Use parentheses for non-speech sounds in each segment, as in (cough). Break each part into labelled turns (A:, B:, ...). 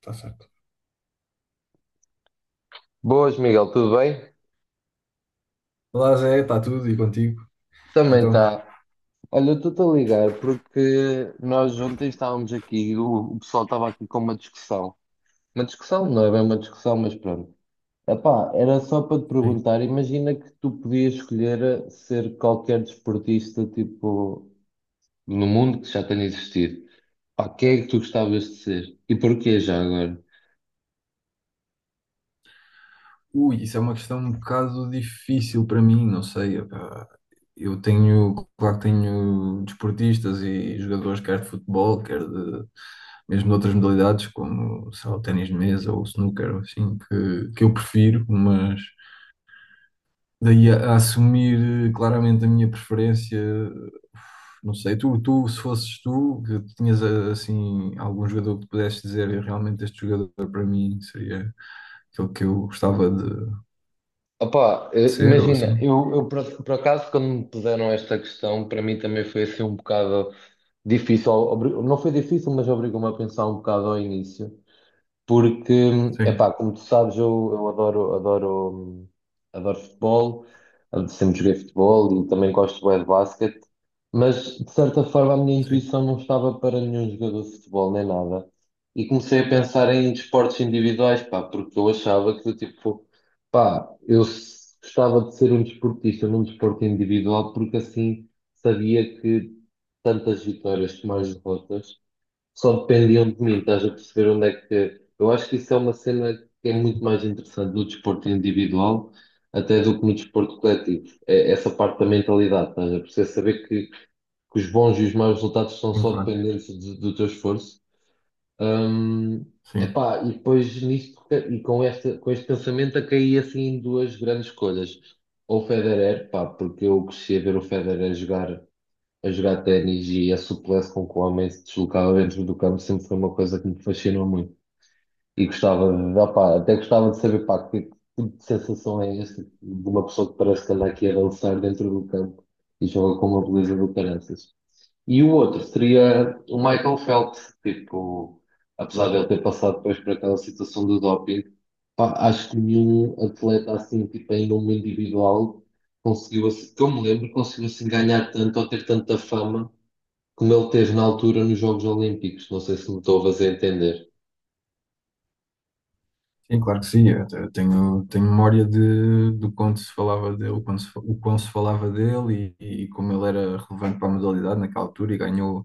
A: Está certo.
B: Boas, Miguel, tudo bem?
A: Olá, Zé, está tudo e contigo?
B: Também
A: Então,
B: está. Olha, eu estou-te a ligar porque nós ontem estávamos aqui, o pessoal estava aqui com uma discussão. Uma discussão, não é bem uma discussão, mas pronto. Epá, era só para te
A: sim.
B: perguntar, imagina que tu podias escolher ser qualquer desportista, tipo, no mundo que já tenha existido. Pá, quem é que tu gostavas de ser? E porquê já agora?
A: Ui, isso é uma questão um bocado difícil para mim, não sei. Epá. Eu tenho, claro que tenho desportistas e jogadores, quer de futebol, quer de mesmo de outras modalidades, como, sei lá, o ténis de mesa ou o snooker, ou assim, que eu prefiro, mas daí a assumir claramente a minha preferência, não sei, tu, se fosses tu, que tinhas assim algum jogador que tu pudesses dizer "Eu realmente este jogador para mim seria aquele que eu gostava de
B: Opa,
A: ser, ou
B: imagina,
A: assim?
B: eu por acaso quando me puseram esta questão, para mim também foi assim um bocado difícil, não foi difícil, mas obrigou-me a pensar um bocado ao início porque,
A: Sim,
B: epá, como tu sabes, eu adoro, adoro, adoro futebol, sempre joguei futebol e também gosto bem de basquete, mas de certa forma a minha
A: sim,
B: intuição não estava para nenhum jogador de futebol nem nada. E comecei a pensar em desportos individuais, pá, porque eu achava que, tipo, pá, gostava de ser um desportista num desporto individual, porque assim sabia que tantas vitórias como as derrotas só dependiam de mim, estás a perceber onde é que. Eu acho que isso é uma cena que é muito mais interessante no desporto individual até do que no desporto coletivo. É essa parte da mentalidade, estás a perceber? Saber que os bons e os maus resultados são
A: sim,
B: só
A: claro,
B: dependentes do teu esforço. Hum,
A: sim.
B: epá, e depois nisto, com este pensamento, eu caí assim em duas grandes escolhas. Ou o Federer, pá, porque eu cresci a ver o Federer jogar a jogar ténis e a suplesse com que o homem se deslocava dentro do campo sempre foi uma coisa que me fascinou muito. E gostava, opá, até gostava de saber, pá, que tipo de sensação é esta de uma pessoa que parece que anda aqui a dançar dentro do campo e joga com uma beleza do caraças. E o outro seria o Michael Phelps, tipo, apesar de ele ter passado depois por aquela situação do doping, pá, acho que nenhum atleta assim, tipo, em nome individual, conseguiu, assim, que eu me lembro, conseguiu assim ganhar tanto ou ter tanta fama como ele teve na altura nos Jogos Olímpicos. Não sei se me estou a fazer entender.
A: Sim, claro que sim. Eu tenho, tenho memória de, do quanto se falava dele, o quanto se, o quão se falava dele e como ele era relevante para a modalidade naquela altura e ganhou,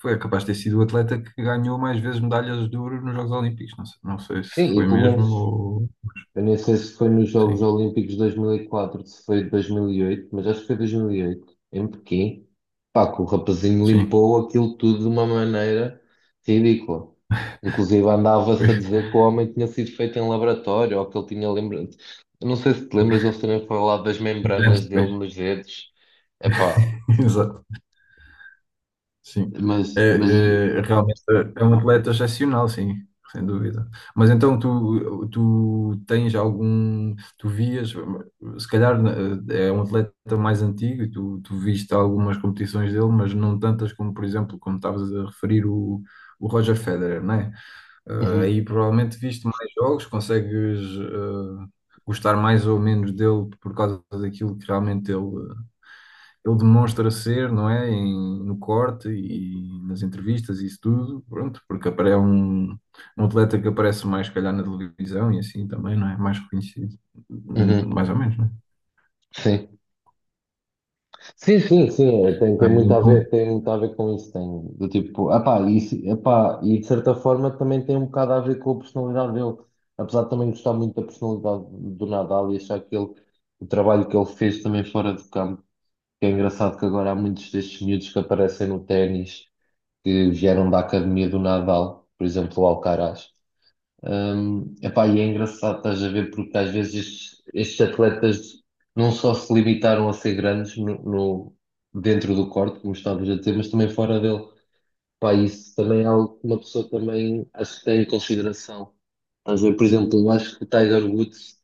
A: foi é capaz de ter sido o atleta que ganhou mais vezes medalhas de ouro nos Jogos Olímpicos. Não sei, não sei se
B: Sim, e
A: foi
B: pelo
A: mesmo
B: menos,
A: ou.
B: eu nem sei se foi nos Jogos
A: Sim,
B: Olímpicos de 2004, se foi de 2008, mas acho que foi 2008, em Pequim. Pá, que o rapazinho
A: sim.
B: limpou aquilo tudo de uma maneira ridícula. Inclusive
A: Foi
B: andava-se a dizer que o homem tinha sido feito em laboratório, ou que ele tinha lembrado. Eu não sei se te lembras eles terem falado das
A: (laughs) anos
B: membranas dele
A: depois.
B: nos dedos. Epá,
A: (laughs) Exato. Sim, é,
B: mas...
A: é, realmente é um atleta excepcional, sim, sem dúvida. Mas então tu tens algum, tu vias, se calhar é um atleta mais antigo e tu viste algumas competições dele, mas não tantas como, por exemplo, como estavas a referir o Roger Federer, não é?
B: Uhum,
A: Aí provavelmente viste mais jogos, consegues gostar mais ou menos dele por causa daquilo que realmente ele demonstra ser, não é? No corte e nas entrevistas e isso tudo, pronto, porque é um, um atleta que aparece mais, se calhar, na televisão e assim também, não é? Mais reconhecido, hum,
B: uhum,
A: mais ou menos, não é?
B: sim. Sim, sim, sim, é, tem,
A: Ah,
B: tem muito a ver,
A: então,
B: tem muito a ver com isso, tem, do tipo, epá, epá, e de certa forma também tem um bocado a ver com a personalidade dele, apesar de também gostar muito da personalidade do Nadal e achar que ele, o trabalho que ele fez também fora de campo, que é engraçado que agora há muitos destes miúdos que aparecem no ténis, que vieram da academia do Nadal, por exemplo, o Alcaraz, hum, epá, e é engraçado, estás a ver, porque às vezes estes, estes atletas não só se limitaram a ser grandes dentro do corte, como estavas a dizer, mas também fora dele. Pá, isso também é algo que uma pessoa também acho que tem em consideração. Estás a ver, por exemplo, eu acho que o Tiger Woods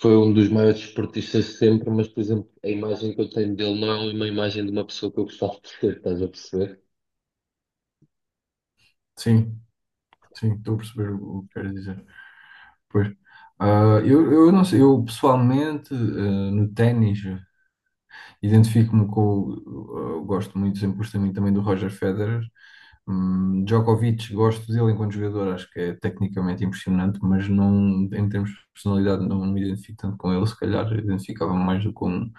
B: foi um dos maiores esportistas de sempre, mas, por exemplo, a imagem que eu tenho dele não é uma imagem de uma pessoa que eu gostava de ser, estás a perceber?
A: sim, sim, estou a perceber o que queres dizer. Pois. Ah, eu não sei, eu pessoalmente, ah, no ténis. Identifico-me com. Eu gosto muito, sempre gostei muito também do Roger Federer. Djokovic, gosto dele enquanto jogador, acho que é tecnicamente impressionante, mas não, em termos de personalidade, não me identifico tanto com ele. Se calhar identificava-me mais do que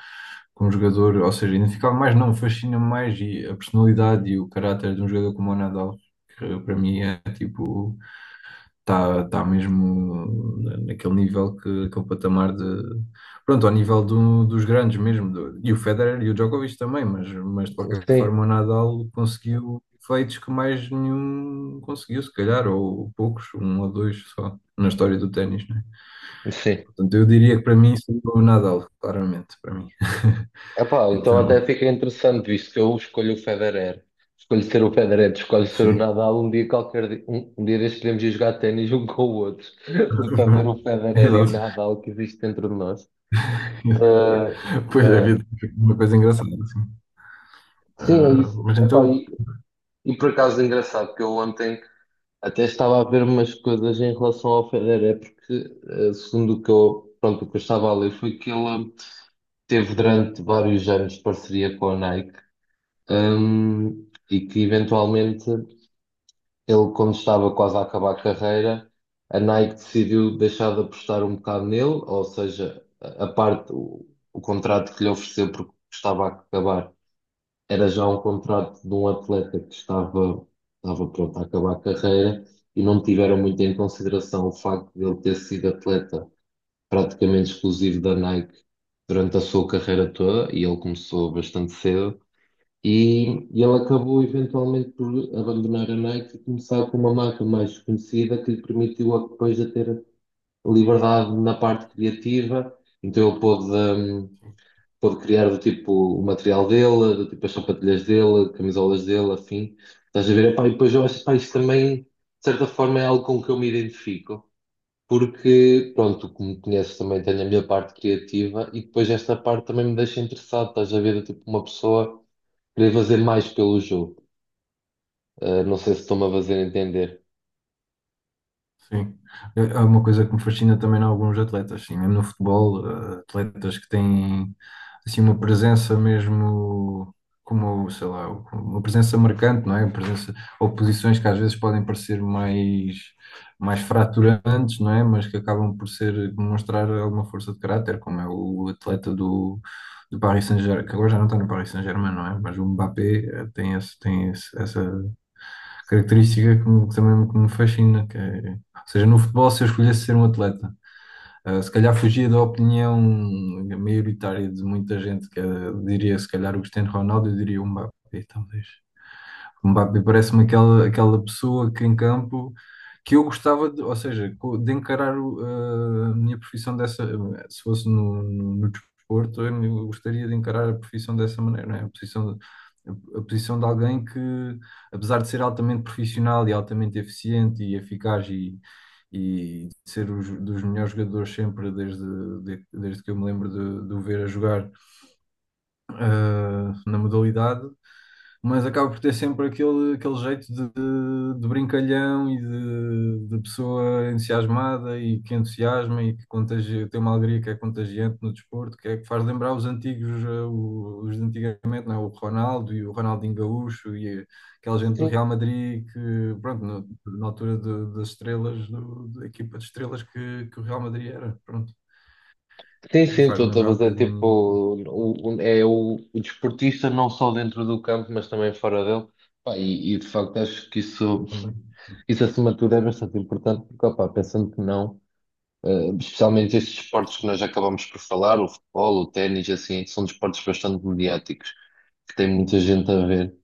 A: com um jogador, ou seja, identificava mais, não, fascina-me mais e a personalidade e o caráter de um jogador como o Nadal, que para mim é tipo está mesmo naquele nível que aquele patamar de pronto, ao nível dos grandes mesmo, e o Federer e o Djokovic também, mas de qualquer
B: Sim,
A: forma o Nadal conseguiu feitos que mais nenhum conseguiu, se calhar, ou poucos, um ou dois só, na história do ténis, né?
B: sim.
A: Portanto, eu diria que para mim seria o Nadal, claramente, para mim. (laughs)
B: Epá, então
A: Então,
B: até fica interessante, visto que eu escolho o Federer. Escolho ser o Federer, escolho ser o
A: sim.
B: Nadal. Um dia qualquer, um dia destes podemos ir jogar ténis um com o outro, (laughs) para ver o
A: (laughs)
B: Federer e o
A: Exato.
B: Nadal que existe dentro de nós. Uh,
A: Pois é,
B: uh,
A: é uma coisa engraçada, assim.
B: sim, é
A: Ah,
B: isso.
A: mas
B: Epá,
A: então,
B: e por acaso é engraçado que eu ontem até estava a ver umas coisas em relação ao Federer, porque segundo o que eu, pronto, o que eu estava a ler foi que ele teve durante vários anos parceria com a Nike, e que eventualmente ele, quando estava quase a acabar a carreira, a Nike decidiu deixar de apostar um bocado nele, ou seja, a parte, o contrato que lhe ofereceu porque estava a acabar era já um contrato de um atleta que estava, estava pronto a acabar a carreira e não tiveram muito em consideração o facto de ele ter sido atleta praticamente exclusivo da Nike durante a sua carreira toda e ele começou bastante cedo e, e ele acabou eventualmente por abandonar a Nike e começar com uma marca mais conhecida que lhe permitiu depois a ter liberdade na parte criativa. Então ele pôde, pôde criar do tipo o material dele, do tipo as sapatilhas dele, camisolas dele, assim. Estás a ver? Epá, e depois eu acho que isto também, de certa forma, é algo com que eu me identifico. Porque, pronto, como conheces também, tenho a minha parte criativa e depois esta parte também me deixa interessado. Estás a ver? Do tipo uma pessoa poder fazer mais pelo jogo. Não sei se estou-me a fazer entender.
A: sim. É é uma coisa que me fascina também em alguns atletas, sim, mesmo no futebol, atletas que têm assim uma presença mesmo como, sei lá, uma presença marcante, não é? Uma presença ou posições que às vezes podem parecer mais fraturantes, não é? Mas que acabam por ser demonstrar alguma força de caráter, como é o atleta do Paris Saint-Germain, que agora já não está no Paris Saint-Germain, não é? Mas o Mbappé tem esse, essa característica que, que também que me fascina, que é, ou seja, no futebol, se eu escolhesse ser um atleta, se calhar fugia da opinião maioritária de muita gente, que diria se calhar o Cristiano Ronaldo, eu diria o Mbappé, talvez. O Mbappé parece-me aquela, aquela pessoa que em campo que eu gostava de, ou seja, de encarar a minha profissão dessa, se fosse no desporto, eu gostaria de encarar a profissão dessa maneira, não é? A posição de alguém que, apesar de ser altamente profissional e altamente eficiente e eficaz e ser os, dos melhores jogadores sempre desde, desde que eu me lembro de o ver a jogar na modalidade, mas acaba por ter sempre aquele, aquele jeito de brincalhão e de pessoa entusiasmada e que entusiasma e que contagia, tem uma alegria que é contagiante no desporto, que é que faz lembrar os antigos, os de antigamente, não é? O Ronaldo e o Ronaldinho Gaúcho e aquela gente do
B: Sim,
A: Real Madrid que, pronto, na altura das estrelas, da equipa de estrelas que o Real Madrid era, pronto,
B: sim, sim,
A: e faz-me
B: estou-te a
A: lembrar um
B: fazer tipo.
A: bocadinho
B: É o desportista, não só dentro do campo, mas também fora dele. Pá, e, de facto acho que isso,
A: também.
B: isso acima de tudo é bastante importante, porque opá, pensando que não, especialmente estes esportes que nós acabamos por falar, o futebol, o ténis, assim, que são desportos bastante mediáticos, que tem muita gente a ver.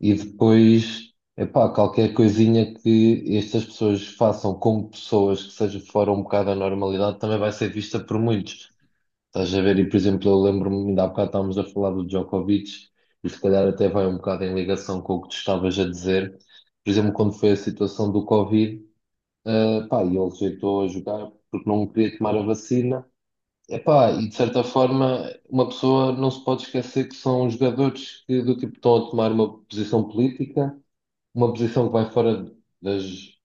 B: E depois, epá, qualquer coisinha que estas pessoas façam como pessoas que seja fora um bocado da normalidade também vai ser vista por muitos. Estás a ver? E, por exemplo, eu lembro-me, ainda há bocado estávamos a falar do Djokovic, e se calhar até vai um bocado em ligação com o que tu estavas a dizer. Por exemplo, quando foi a situação do Covid, pá, e ele rejeitou a jogar porque não queria tomar a vacina. Epá, e de certa forma, uma pessoa não se pode esquecer que são jogadores que, do tipo, estão a tomar uma posição política, uma posição que vai fora das,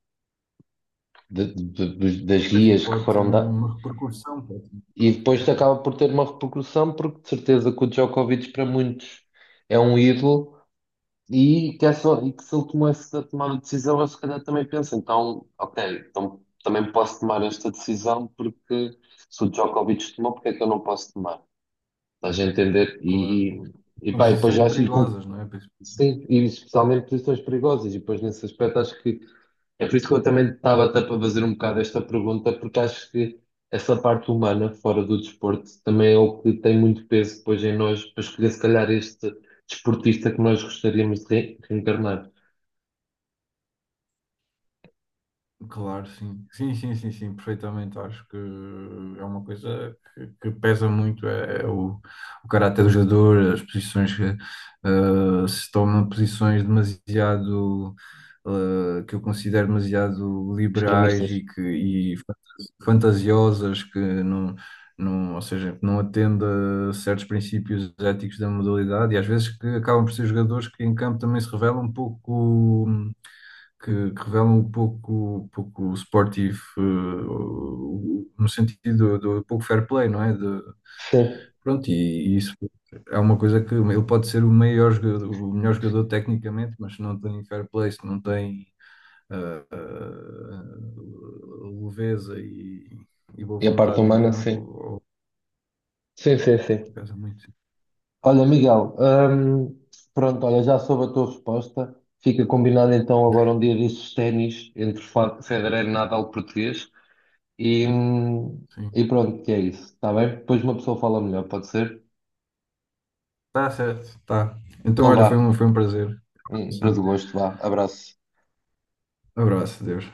B: das
A: Pois, e
B: guias que
A: pode ter
B: foram dadas.
A: uma repercussão, pode ter um
B: E
A: impacto, sim,
B: depois
A: claro.
B: acaba por ter uma repercussão, porque de certeza que o Djokovic para muitos é um ídolo e que, é só, e que se ele tomasse essa tomada de decisão, ele se calhar também pensa, então, ok, então também posso tomar esta decisão porque se o Djokovic tomou, porque é que eu não posso tomar? Estás a entender?
A: Claro.
B: E, e
A: São
B: pá, e depois
A: posições
B: acho e com,
A: perigosas, não é? Pois.
B: sim, e especialmente posições perigosas, e depois nesse aspecto acho que é por isso que eu também estava até para fazer um bocado esta pergunta, porque acho que essa parte humana, fora do desporto, também é o que tem muito peso depois em nós para escolher, se calhar, este desportista que nós gostaríamos de reencarnar.
A: Claro, sim. Sim, sim, sim, sim, perfeitamente. Acho que é uma coisa que pesa muito, é, é o caráter do jogador, as posições que se tomam posições demasiado que eu considero demasiado liberais
B: Extremistas.
A: e que fantasiosas que não, não, ou seja, que não atende a certos princípios éticos da modalidade e às vezes que acabam por ser jogadores que em campo também se revelam um pouco que revelam um pouco esportivo, no sentido do, do pouco fair play, não é? De,
B: Sim.
A: pronto, e isso é uma coisa que ele pode ser o maior jogador, o melhor jogador tecnicamente, mas se não tem fair play, se não tem eh, eh, leveza e boa
B: E a parte
A: vontade em
B: humana,
A: campo,
B: sim.
A: ou.
B: Sim, sim, sim.
A: Pesa muito,
B: Olha, Miguel, pronto, olha, já soube a tua resposta. Fica combinado então agora um dia desses ténis entre Federer e Nadal português. E, hum,
A: sim.
B: e pronto, que é isso. Está bem? Depois uma pessoa fala melhor, pode ser?
A: Tá certo, tá. Então,
B: Então
A: olha,
B: vá.
A: foi um prazer.
B: Para do gosto, vá. Abraço.
A: Abraço, Deus.